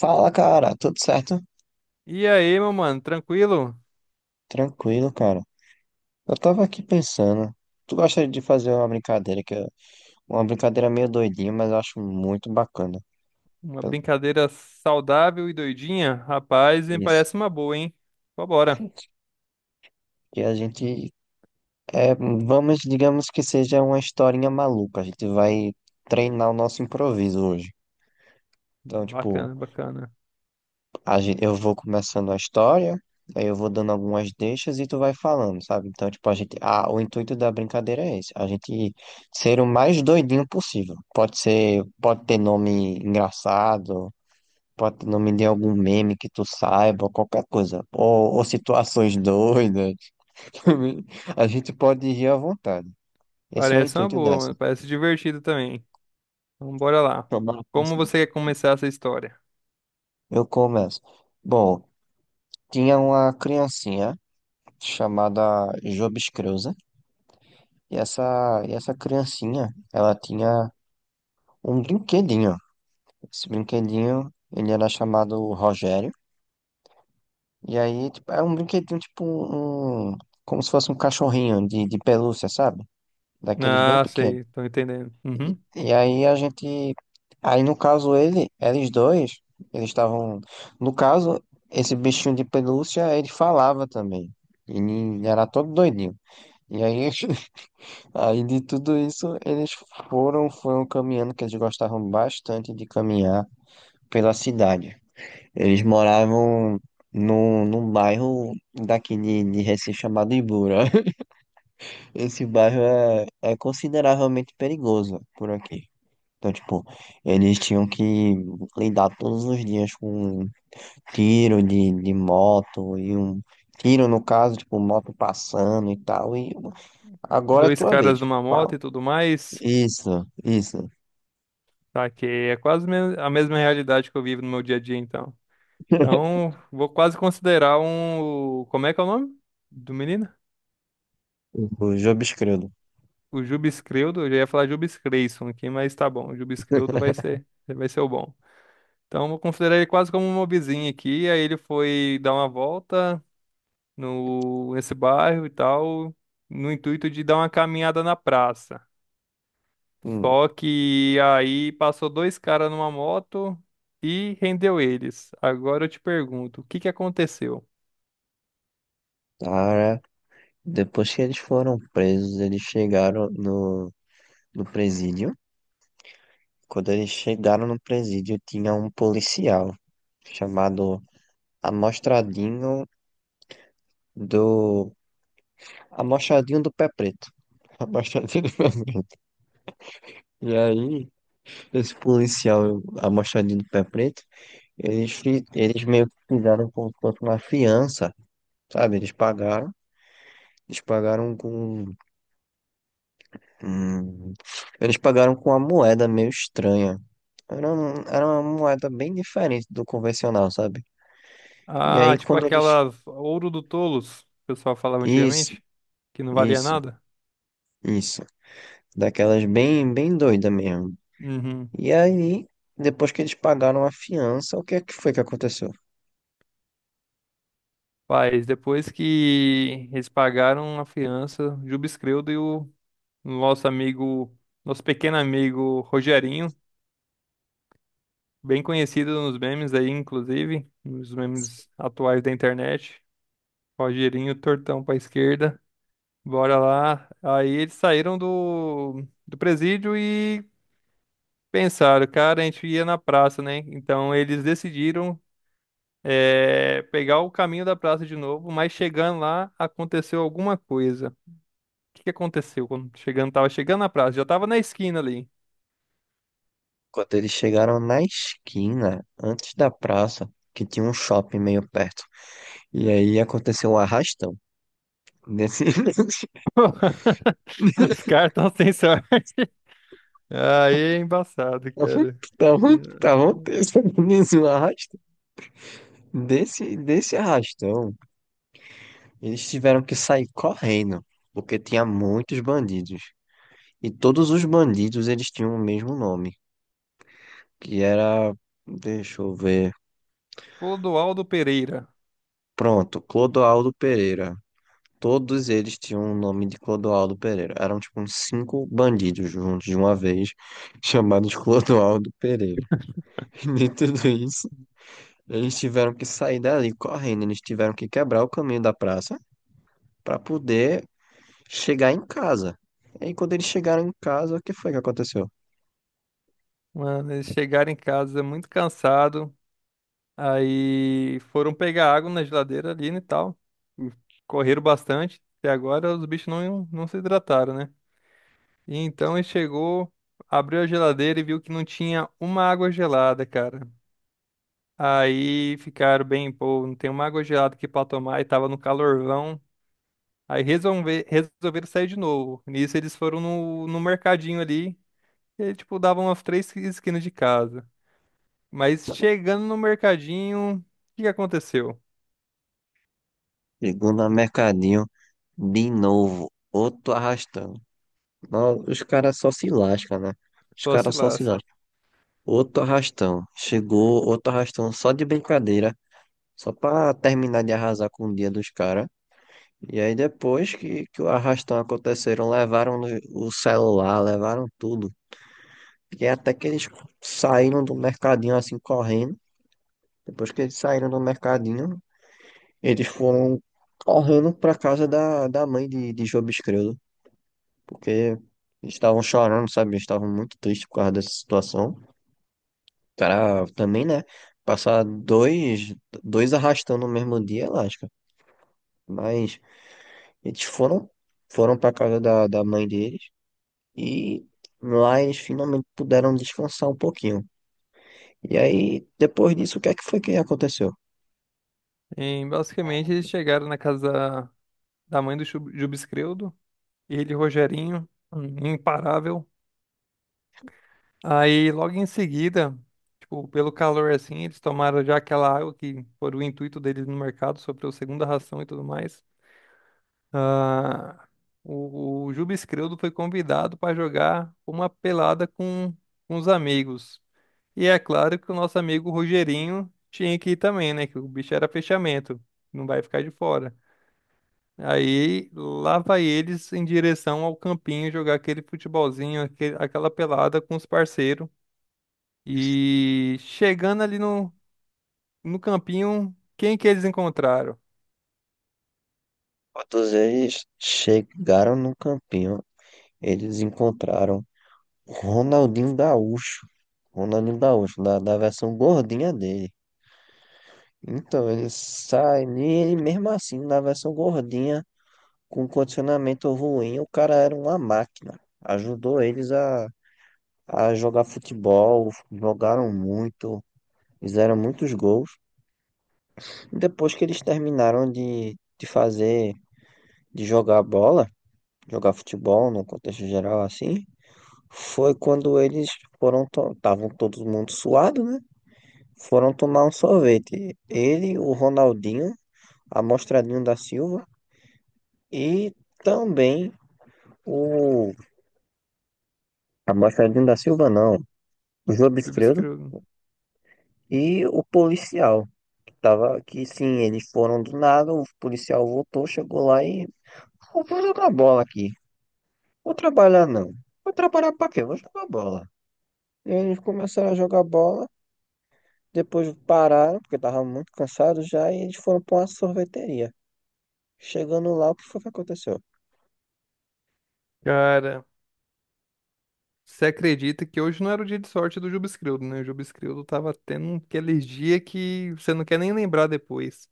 Fala, cara, tudo certo? E aí, meu mano, tranquilo? Tranquilo, cara. Eu tava aqui pensando, tu gosta de fazer uma brincadeira que é uma brincadeira meio doidinha, mas eu acho muito bacana. Uma Eu- brincadeira saudável e doidinha? Rapaz, me Isso. parece uma boa, hein? Vambora. E a gente digamos que seja uma historinha maluca. A gente vai treinar o nosso improviso hoje. Então, tipo, Bacana, bacana. Eu vou começando a história, aí eu vou dando algumas deixas e tu vai falando, sabe? Então, tipo, a gente. Ah, o intuito da brincadeira é esse, a gente ser o mais doidinho possível. Pode ser, pode ter nome engraçado, pode ter nome de algum meme que tu saiba, qualquer coisa. Ou situações doidas. A gente pode rir à vontade. Esse é o Parece uma intuito boa, dessa. mano. Parece divertido também. Então, bora lá. Tomara que Como sim. você quer começar essa história? Eu começo. Bom, tinha uma criancinha chamada Jobs. E essa, e essa criancinha, ela tinha um brinquedinho. Esse brinquedinho, ele era chamado Rogério. E aí, tipo, era um brinquedinho, tipo, um, como se fosse um cachorrinho de pelúcia, sabe? Daqueles bem Ah, pequenos. sei, tô entendendo. Uhum. E aí a gente, aí no caso ele, eles dois, eles estavam, no caso, esse bichinho de pelúcia, ele falava também. Ele era todo doidinho. E aí aí de tudo isso, eles foram caminhando, que eles gostavam bastante de caminhar pela cidade. Eles moravam num bairro daqui de Recife chamado Ibura. Esse bairro é consideravelmente perigoso por aqui. Então, tipo, eles tinham que lidar todos os dias com um tiro de moto e um tiro, no caso, tipo, moto passando e tal. E agora é Dois tua caras vez. numa moto Pau. e tudo mais. Isso, isso. Tá, que é quase a mesma realidade que eu vivo no meu dia a dia, então. Então, vou quase considerar um. Como é que é o nome do menino? Os obscuros. O Jubes Creudo, eu já ia falar Jubes Creyson aqui, mas tá bom. O Jubes Creudo vai ser o bom. Então, eu vou considerar ele quase como um mobizinho aqui. Aí ele foi dar uma volta no nesse bairro e tal, no intuito de dar uma caminhada na praça. Hum, Só que aí passou dois caras numa moto e rendeu eles. Agora eu te pergunto, o que que aconteceu? cara, depois que eles foram presos, eles chegaram no presídio. Quando eles chegaram no presídio, tinha um policial chamado Amostradinho do... Amostradinho do Pé Preto. Amostradinho do Pé Preto. E aí, esse policial Amostradinho do Pé Preto, eles, eles meio que fizeram como se fosse uma fiança, sabe? Eles pagaram. Eles pagaram com Hum, eles pagaram com uma moeda meio estranha. Era, era uma moeda bem diferente do convencional, sabe? E aí Ah, tipo quando eles. aquelas ouro do tolos, que o pessoal falava Isso, antigamente, que não valia isso, nada? isso. Daquelas bem, bem doida mesmo. Uhum. E aí, depois que eles pagaram a fiança, o que é que foi que aconteceu? Faz, depois que eles pagaram a fiança, o Juba Escrevdo e o nosso amigo, nosso pequeno amigo Rogerinho, bem conhecido nos memes aí, inclusive, nos memes atuais da internet. Rogerinho, tortão pra esquerda, bora lá. Aí eles saíram do presídio e pensaram, cara, a gente ia na praça, né? Então eles decidiram pegar o caminho da praça de novo, mas chegando lá aconteceu alguma coisa. Que aconteceu quando chegando, tava chegando na praça, já tava na esquina ali. Quando eles chegaram na esquina, antes da praça, que tinha um shopping meio perto. E aí aconteceu um arrastão. Nesse... Os caras tão sem sorte. Aí é embaçado, cara. Estavam estavam- estavam tendo um arrastão. Desse arrastão, eles tiveram que sair correndo, porque tinha muitos bandidos. E todos os bandidos eles tinham o mesmo nome, que era, deixa eu ver, Clodoaldo Pereira. pronto, Clodoaldo Pereira. Todos eles tinham o nome de Clodoaldo Pereira. Eram tipo uns cinco bandidos juntos de uma vez, chamados Clodoaldo Pereira. E nem tudo isso, eles tiveram que sair dali correndo, eles tiveram que quebrar o caminho da praça para poder chegar em casa. E aí, quando eles chegaram em casa, o que foi que aconteceu? Mano, eles chegaram em casa muito cansado. Aí foram pegar água na geladeira ali né, e tal. Correram bastante. Até agora os bichos não se hidrataram, né? E então ele chegou, abriu a geladeira e viu que não tinha uma água gelada, cara. Aí ficaram bem, pô, não tem uma água gelada aqui pra tomar e tava no calorvão. Aí resolveram sair de novo. Nisso eles foram no mercadinho ali. E aí, tipo, davam umas três esquinas de casa. Mas chegando no mercadinho, o que que aconteceu? Chegou no mercadinho de novo. Outro arrastão. Não, os caras só se lascam, né? Os Só se caras só se lasca. lascam. Outro arrastão. Chegou outro arrastão só de brincadeira. Só pra terminar de arrasar com o dia dos caras. E aí, depois que o arrastão aconteceram, levaram o celular, levaram tudo. E até que eles saíram do mercadinho assim correndo. Depois que eles saíram do mercadinho, eles foram correndo para casa da, da mãe de Job Escredo, porque eles estavam chorando, sabe? Eles estavam muito tristes por causa dessa situação. O cara também, né? Passar dois arrastando no mesmo dia, é lasca. Mas eles foram, foram para casa da mãe deles e lá eles finalmente puderam descansar um pouquinho. E aí, depois disso, o que é que foi que aconteceu? Basicamente, eles chegaram na casa da mãe do Jubescreudo, ele e Rogerinho, um imparável. Aí, logo em seguida, tipo, pelo calor assim, eles tomaram já aquela água que foi o intuito deles no mercado, sobre a segunda ração e tudo mais. Ah, o Juba Escredo foi convidado para jogar uma pelada com os amigos. E é claro que o nosso amigo Rogerinho tinha que ir também, né? Que o bicho era fechamento, não vai ficar de fora. Aí lá vai eles em direção ao campinho jogar aquele futebolzinho, aquela pelada com os parceiros. E chegando ali no campinho, quem que eles encontraram? Quando eles chegaram no campinho, eles encontraram Ronaldinho Gaúcho. Ronaldinho Gaúcho, da versão gordinha dele. Então, ele sai, e ele mesmo assim, na versão gordinha, com condicionamento ruim, o cara era uma máquina. Ajudou eles a jogar futebol, jogaram muito, fizeram muitos gols. Depois que eles terminaram de jogar bola, jogar futebol no contexto geral assim, foi quando eles foram, estavam todo mundo suado, né? Foram tomar um sorvete. Ele, o Ronaldinho, Amostradinho da Silva e também o. Amostradinho da Silva, não. O João Bisfredo Jubescrildo. e o policial. Que tava, que sim, eles foram do nada. O policial voltou, chegou lá e. "Eu vou jogar bola aqui. Vou trabalhar, não. Vou trabalhar pra quê? Vou jogar bola." E eles começaram a jogar bola. Depois pararam, porque estavam muito cansados já. E eles foram pra uma sorveteria. Chegando lá, o que foi que aconteceu? Cara, você acredita que hoje não era o dia de sorte do Jubescrildo, né? O Jubescrildo tava tendo aquele dia que você não quer nem lembrar depois.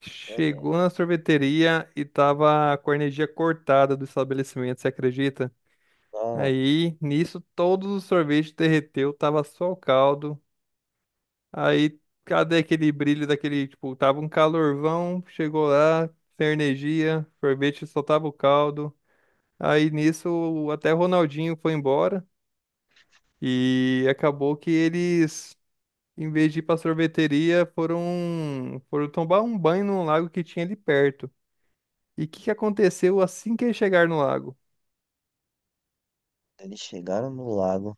Chegou na sorveteria e tava com a energia cortada do estabelecimento, você acredita? Não, Aí, nisso, todos os sorvetes derreteu, tava só o caldo. Aí, cadê aquele brilho daquele, tipo, tava um calorvão, chegou lá, sem energia, sorvete só tava o caldo. Aí nisso, até o Ronaldinho foi embora e acabou que eles, em vez de ir pra sorveteria, foram, foram tomar um banho num lago que tinha ali perto. E o que que aconteceu assim que eles chegaram no lago? eles chegaram no lago,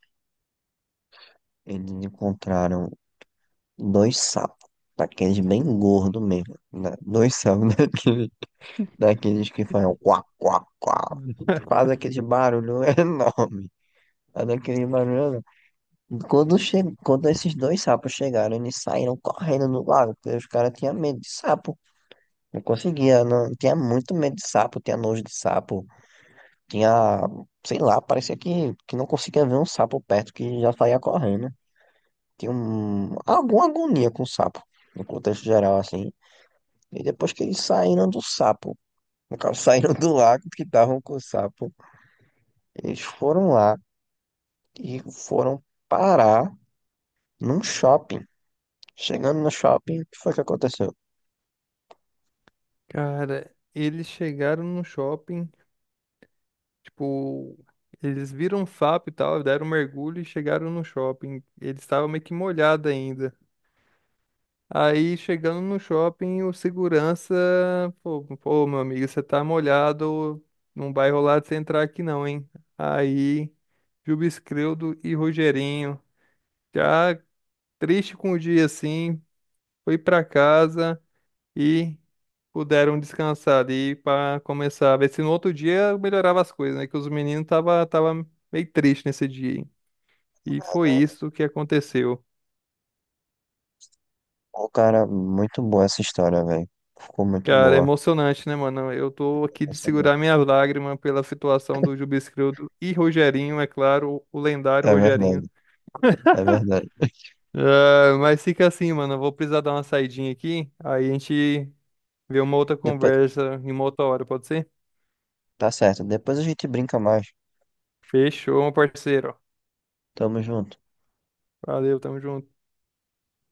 eles encontraram dois sapos, daqueles bem gordos mesmo, né? Dois sapos daqueles, daqueles que fazem quá, quá, quá, faz aquele barulho enorme, faz aquele barulho enorme. Quando, che... Quando esses dois sapos chegaram, eles saíram correndo no lago, porque os caras tinham medo de sapo, não conseguia, não... tinha muito medo de sapo, tinha nojo de sapo, tinha, sei lá, parecia que não conseguia ver um sapo perto, que já saía correndo. Tinha um, alguma agonia com o sapo, no contexto geral, assim. E depois que eles saíram do sapo, no caso, saíram do lago que estavam com o sapo, eles foram lá e foram parar num shopping. Chegando no shopping, o que foi que aconteceu? Cara, eles chegaram no shopping. Tipo, eles viram um sapo e tal, deram um mergulho e chegaram no shopping. Eles estavam meio que molhados ainda. Aí, chegando no shopping, o segurança, pô, pô, meu amigo, você tá molhado, não vai rolar de você entrar aqui não, hein? Aí, Juba Escredo e Rogerinho, já triste com o dia assim, foi pra casa e puderam descansar ali para começar a ver se no outro dia melhorava as coisas, né? Que os meninos tava, tava meio triste nesse dia, hein? E foi isso que aconteceu. O cara, muito boa essa história, velho. Ficou muito Cara, é boa. emocionante, né, mano? Eu tô aqui de Emocionante. segurar minhas lágrimas pela situação do Jubilscrildo e Rogerinho, é claro, o lendário É verdade, Rogerinho. é verdade. Ah, mas fica assim, mano. Eu vou precisar dar uma saidinha aqui. Aí a gente vê uma outra Depois, conversa em uma outra hora, pode ser? tá certo. Depois a gente brinca mais. Fechou, meu parceiro. Tamo junto. Valeu, tamo junto.